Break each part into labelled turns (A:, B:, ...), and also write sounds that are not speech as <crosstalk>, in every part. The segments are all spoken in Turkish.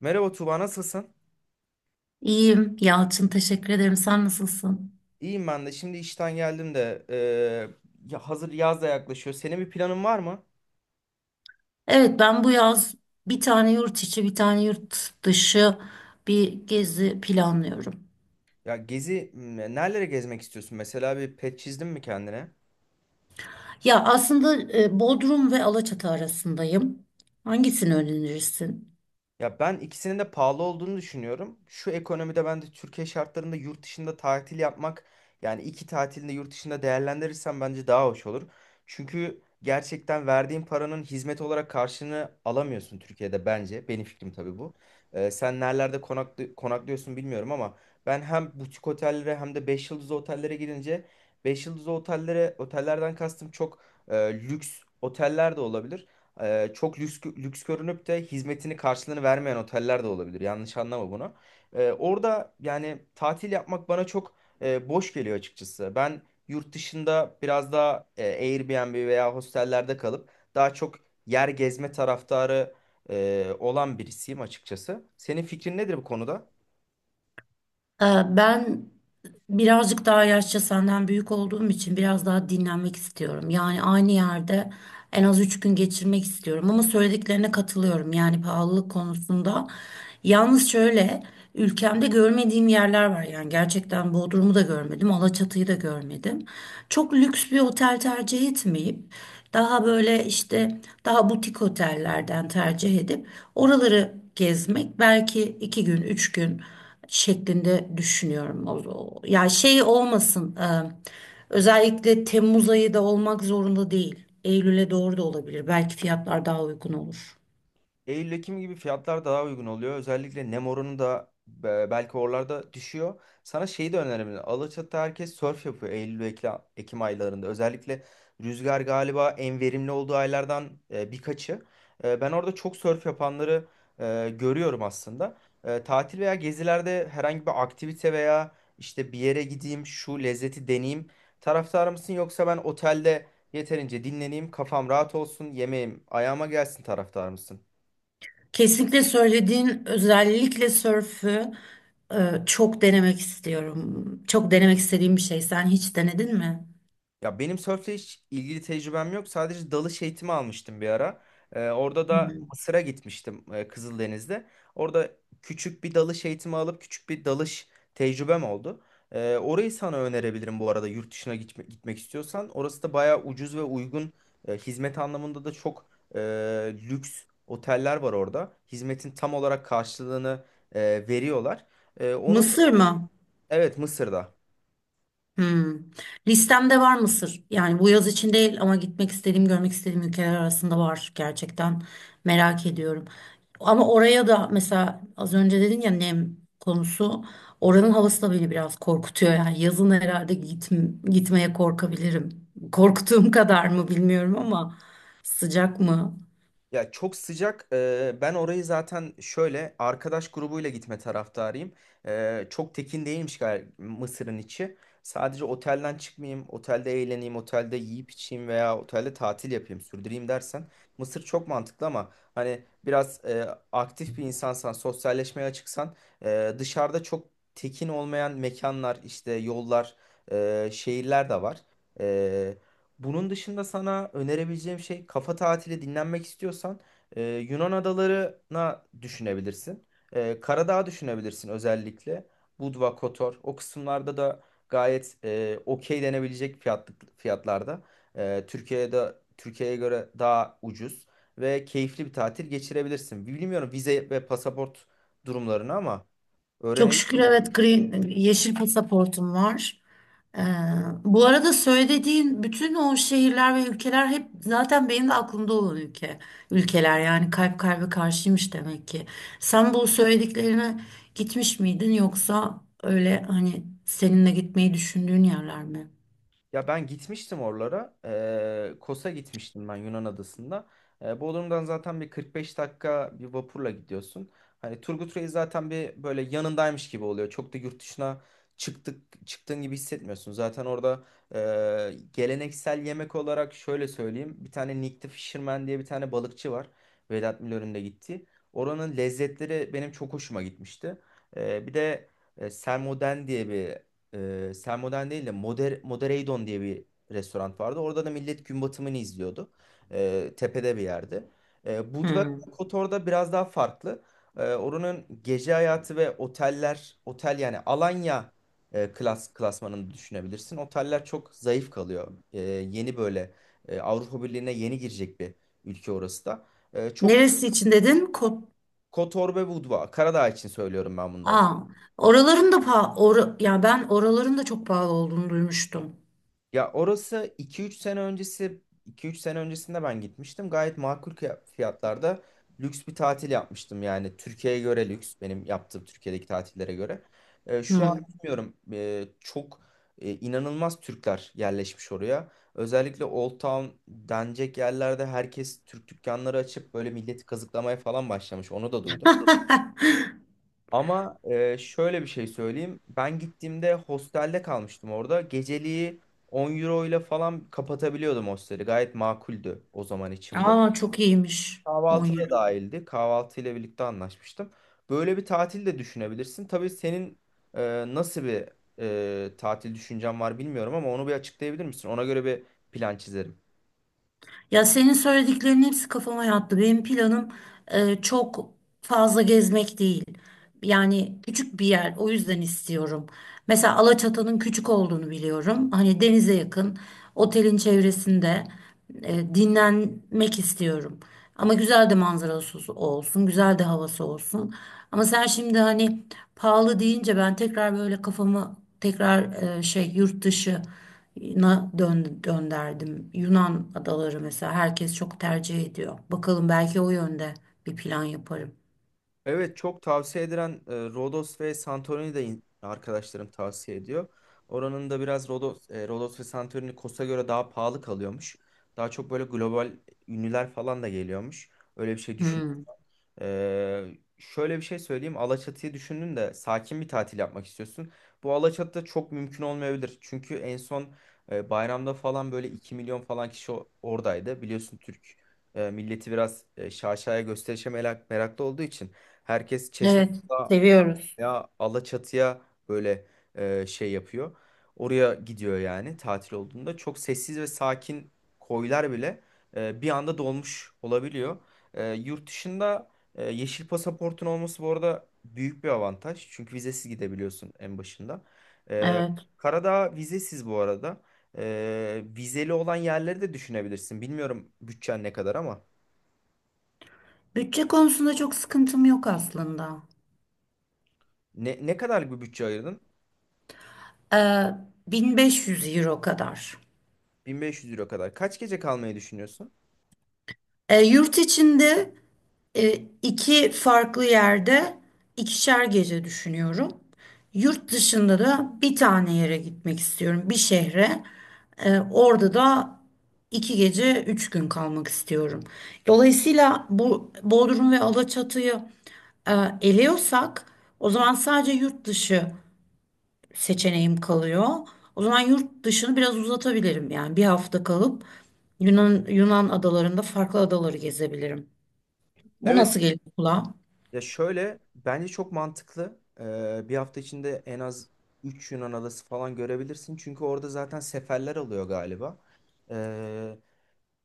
A: Merhaba Tuba, nasılsın?
B: İyiyim Yalçın, teşekkür ederim. Sen nasılsın?
A: İyiyim ben de. Şimdi işten geldim de ya hazır yaz da yaklaşıyor. Senin bir planın var mı?
B: Evet, ben bu yaz bir tane yurt içi bir tane yurt dışı bir gezi planlıyorum.
A: Ya nerelere gezmek istiyorsun? Mesela bir pet çizdin mi kendine?
B: Ya aslında Bodrum ve Alaçatı arasındayım. Hangisini önerirsin?
A: Ya ben ikisinin de pahalı olduğunu düşünüyorum. Şu ekonomide ben de Türkiye şartlarında yurt dışında tatil yapmak yani iki tatilini yurt dışında değerlendirirsem bence daha hoş olur. Çünkü gerçekten verdiğin paranın hizmet olarak karşılığını alamıyorsun Türkiye'de bence. Benim fikrim tabii bu. Sen nerelerde konaklıyorsun bilmiyorum ama ben hem butik otellere hem de 5 yıldızlı otellere gidince 5 yıldızlı otellerden kastım çok e, lüks oteller de olabilir. Çok lüks görünüp de hizmetini karşılığını vermeyen oteller de olabilir. Yanlış anlama bunu. Orada yani tatil yapmak bana çok boş geliyor açıkçası. Ben yurt dışında biraz daha Airbnb veya hostellerde kalıp daha çok yer gezme taraftarı olan birisiyim açıkçası. Senin fikrin nedir bu konuda?
B: Ee, Ben birazcık daha yaşça senden büyük olduğum için biraz daha dinlenmek istiyorum. Yani aynı yerde en az üç gün geçirmek istiyorum. Ama söylediklerine katılıyorum, yani pahalılık konusunda. Yalnız şöyle, ülkemde görmediğim yerler var, yani gerçekten Bodrum'u da görmedim, Alaçatı'yı da görmedim. Çok lüks bir otel tercih etmeyip daha böyle işte daha butik otellerden tercih edip oraları gezmek belki iki gün, üç gün şeklinde düşünüyorum. Özellikle Temmuz ayı da olmak zorunda değil. Eylül'e doğru da olabilir. Belki fiyatlar daha uygun olur.
A: Eylül-Ekim gibi fiyatlar daha uygun oluyor. Özellikle nem oranı da belki oralarda düşüyor. Sana şeyi de önerebilirim. Alaçatı herkes sörf yapıyor Eylül-Ekim aylarında. Özellikle rüzgar galiba en verimli olduğu aylardan birkaçı. Ben orada çok sörf yapanları görüyorum aslında. Tatil veya gezilerde herhangi bir aktivite veya işte bir yere gideyim, şu lezzeti deneyeyim taraftarı mısın? Yoksa ben otelde yeterince dinleneyim, kafam rahat olsun, yemeğim ayağıma gelsin taraftar mısın?
B: Kesinlikle söylediğin özellikle sörfü e, çok denemek istiyorum. Çok denemek istediğim bir şey. Sen hiç denedin mi?
A: Ya benim sörfle hiç ilgili tecrübem yok. Sadece dalış eğitimi almıştım bir ara. Orada
B: Hı.
A: da Mısır'a gitmiştim Kızıldeniz'de. Orada küçük bir dalış eğitimi alıp küçük bir dalış tecrübem oldu. Orayı sana önerebilirim bu arada yurt dışına gitmek istiyorsan. Orası da bayağı ucuz ve uygun. Hizmet anlamında da çok e, lüks oteller var orada. Hizmetin tam olarak karşılığını e, veriyorlar. Onun
B: Mısır mı?
A: evet Mısır'da.
B: Hmm. Listemde var Mısır. Yani bu yaz için değil ama gitmek istediğim, görmek istediğim ülkeler arasında var gerçekten. Merak ediyorum. Ama oraya da, mesela az önce dedin ya, nem konusu. Oranın havası da beni biraz korkutuyor. Yani yazın herhalde gitmeye korkabilirim. Korktuğum <laughs> kadar mı bilmiyorum ama sıcak mı?
A: Ya çok sıcak. Ben orayı zaten şöyle arkadaş grubuyla gitme taraftarıyım. Çok tekin değilmiş Mısır'ın içi. Sadece otelden çıkmayayım, otelde eğleneyim, otelde yiyip içeyim veya otelde tatil yapayım, sürdüreyim dersen Mısır çok mantıklı ama hani biraz aktif bir insansan, sosyalleşmeye açıksan dışarıda çok tekin olmayan mekanlar, işte yollar, şehirler de var. Bunun dışında sana önerebileceğim şey kafa tatili dinlenmek istiyorsan Yunan adalarına düşünebilirsin. Karadağ düşünebilirsin özellikle. Budva, Kotor o kısımlarda da gayet okey denebilecek fiyatlarda. Türkiye'de Türkiye'ye göre daha ucuz ve keyifli bir tatil geçirebilirsin. Bilmiyorum vize ve pasaport durumlarını ama
B: Çok şükür,
A: öğrenebilirsin.
B: evet, green, yeşil pasaportum var. Ee, Bu arada söylediğin bütün o şehirler ve ülkeler hep zaten benim de aklımda olan ülkeler, yani kalp kalbe karşıymış demek ki. Sen bu söylediklerine gitmiş miydin, yoksa öyle hani seninle gitmeyi düşündüğün yerler mi?
A: Ya ben gitmiştim oralara. Kos'a gitmiştim ben Yunan adasında. Bodrum'dan zaten bir 45 dakika bir vapurla gidiyorsun. Hani Turgut Reis zaten bir böyle yanındaymış gibi oluyor. Çok da yurt dışına çıktık çıktığın gibi hissetmiyorsun. Zaten orada geleneksel yemek olarak şöyle söyleyeyim. Bir tane Nick the Fisherman diye bir tane balıkçı var. Vedat Milor'un da gittiği. Oranın lezzetleri benim çok hoşuma gitmişti. Bir de Selmoden diye bir Sermoden değil de Modereidon diye bir restoran vardı. Orada da millet gün batımını izliyordu. Tepede bir yerde. Budva
B: Hmm.
A: Kotor'da biraz daha farklı. Oranın gece hayatı ve oteller, otel yani Alanya klasmanını düşünebilirsin. Oteller çok zayıf kalıyor. Yeni böyle Avrupa Birliği'ne yeni girecek bir ülke orası da. E, çok
B: Neresi için dedin? Ko
A: Kotor ve Budva, Karadağ için söylüyorum ben bunları.
B: Aa, oraların da ya ben oraların da çok pahalı olduğunu duymuştum.
A: Ya orası iki üç sene öncesinde ben gitmiştim. Gayet makul fiyatlarda lüks bir tatil yapmıştım. Yani Türkiye'ye göre lüks benim yaptığım Türkiye'deki tatillere göre. Şu an
B: Hmm.
A: bilmiyorum çok inanılmaz Türkler yerleşmiş oraya. Özellikle Old Town denecek yerlerde herkes Türk dükkanları açıp böyle milleti kazıklamaya falan başlamış. Onu da duydum. Ama şöyle bir şey söyleyeyim. Ben gittiğimde hostelde kalmıştım orada. Geceliği 10 euro ile falan kapatabiliyordum hosteli. Gayet makuldü o zaman için bu.
B: Aa, çok iyiymiş. 10
A: Kahvaltı da dahildi. Kahvaltı ile birlikte anlaşmıştım. Böyle bir tatil de düşünebilirsin. Tabii senin nasıl bir tatil düşüncen var bilmiyorum ama onu bir açıklayabilir misin? Ona göre bir plan çizerim.
B: Ya, senin söylediklerinin hepsi kafama yattı. Benim planım çok fazla gezmek değil. Yani küçük bir yer, o yüzden istiyorum. Mesela Alaçatı'nın küçük olduğunu biliyorum. Hani denize yakın, otelin çevresinde dinlenmek istiyorum. Ama güzel de manzarası olsun, güzel de havası olsun. Ama sen şimdi hani pahalı deyince ben tekrar böyle kafamı yurt dışı na dönderdim. Yunan adaları, mesela herkes çok tercih ediyor. Bakalım, belki o yönde bir plan yaparım.
A: Evet çok tavsiye edilen Rodos ve Santorini de arkadaşlarım tavsiye ediyor. Oranın da biraz Rodos ve Santorini Kos'a göre daha pahalı kalıyormuş. Daha çok böyle global ünlüler falan da geliyormuş. Öyle bir şey düşün.
B: Hmm.
A: Ee, şöyle bir şey söyleyeyim. Alaçatı'yı düşündün de sakin bir tatil yapmak istiyorsun. Bu Alaçatı'da çok mümkün olmayabilir. Çünkü en son bayramda falan böyle 2 milyon falan kişi oradaydı. Biliyorsun Türk milleti biraz şaşaya gösterişe meraklı olduğu için herkes Çeşme
B: Evet, seviyoruz.
A: ya Alaçatı'ya böyle şey yapıyor. Oraya gidiyor yani tatil olduğunda. Çok sessiz ve sakin koylar bile bir anda dolmuş olabiliyor. Yurt dışında yeşil pasaportun olması bu arada büyük bir avantaj. Çünkü vizesiz gidebiliyorsun en başında. E,
B: Evet.
A: Karadağ vizesiz bu arada. Vizeli olan yerleri de düşünebilirsin. Bilmiyorum bütçen ne kadar ama.
B: Bütçe konusunda çok sıkıntım yok aslında.
A: Ne kadarlık bir bütçe ayırdın?
B: Ee, 1500 euro kadar.
A: 1500 euro kadar. Kaç gece kalmayı düşünüyorsun?
B: E, yurt içinde e, iki farklı yerde ikişer gece düşünüyorum. Yurt dışında da bir tane yere gitmek istiyorum, bir şehre. E, orada da iki gece üç gün kalmak istiyorum. Dolayısıyla bu Bodrum ve Alaçatı'yı e, eliyorsak, o zaman sadece yurt dışı seçeneğim kalıyor. O zaman yurt dışını biraz uzatabilirim, yani bir hafta kalıp Yunan adalarında farklı adaları gezebilirim. Bu
A: Evet.
B: nasıl geliyor kulağa?
A: Ya şöyle bence çok mantıklı. Bir hafta içinde en az 3 Yunan adası falan görebilirsin. Çünkü orada zaten seferler alıyor galiba. Ee,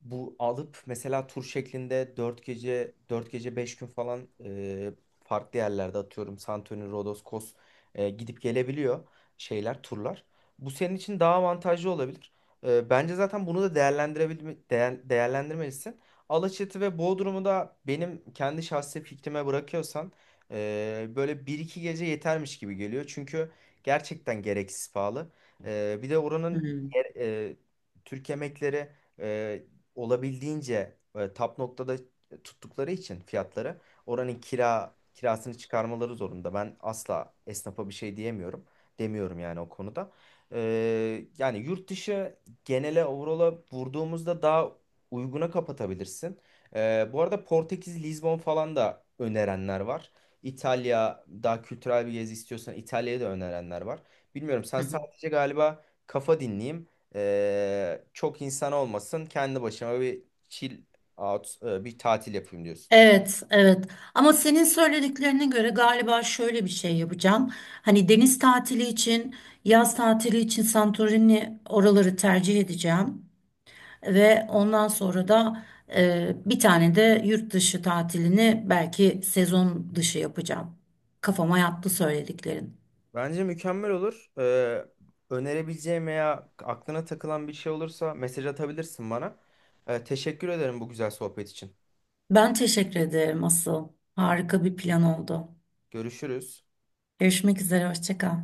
A: bu alıp mesela tur şeklinde 4 gece 5 gün falan farklı yerlerde atıyorum Santorini, Rodos, Kos gidip gelebiliyor şeyler, turlar. Bu senin için daha avantajlı olabilir. Bence zaten bunu da değerlendirmelisin. Alaçatı ve Bodrum'u da benim kendi şahsi fikrime bırakıyorsan böyle bir iki gece yetermiş gibi geliyor. Çünkü gerçekten gereksiz pahalı. Bir de oranın
B: Hmm.
A: e, Türk yemekleri e, olabildiğince tap noktada tuttukları için fiyatları oranın kirasını çıkarmaları zorunda. Ben asla esnafa bir şey diyemiyorum. Demiyorum yani o konuda. Yani yurt dışı genele overall'a vurduğumuzda daha uyguna kapatabilirsin. Bu arada Portekiz, Lizbon falan da önerenler var. İtalya daha kültürel bir gezi istiyorsan İtalya'ya da önerenler var. Bilmiyorum sen
B: Hı hı.
A: sadece galiba kafa dinleyeyim. Çok insan olmasın. Kendi başıma bir chill out, bir tatil yapayım diyorsun.
B: Evet, evet. Ama senin söylediklerine göre galiba şöyle bir şey yapacağım. Hani deniz tatili için, yaz tatili için Santorini oraları tercih edeceğim. Ve ondan sonra da bir tane de yurt dışı tatilini belki sezon dışı yapacağım. Kafama yattı söylediklerin.
A: Bence mükemmel olur. Önerebileceğim veya aklına takılan bir şey olursa mesaj atabilirsin bana. Teşekkür ederim bu güzel sohbet için.
B: Ben teşekkür ederim asıl. Harika bir plan oldu.
A: Görüşürüz.
B: Görüşmek üzere, hoşça kal.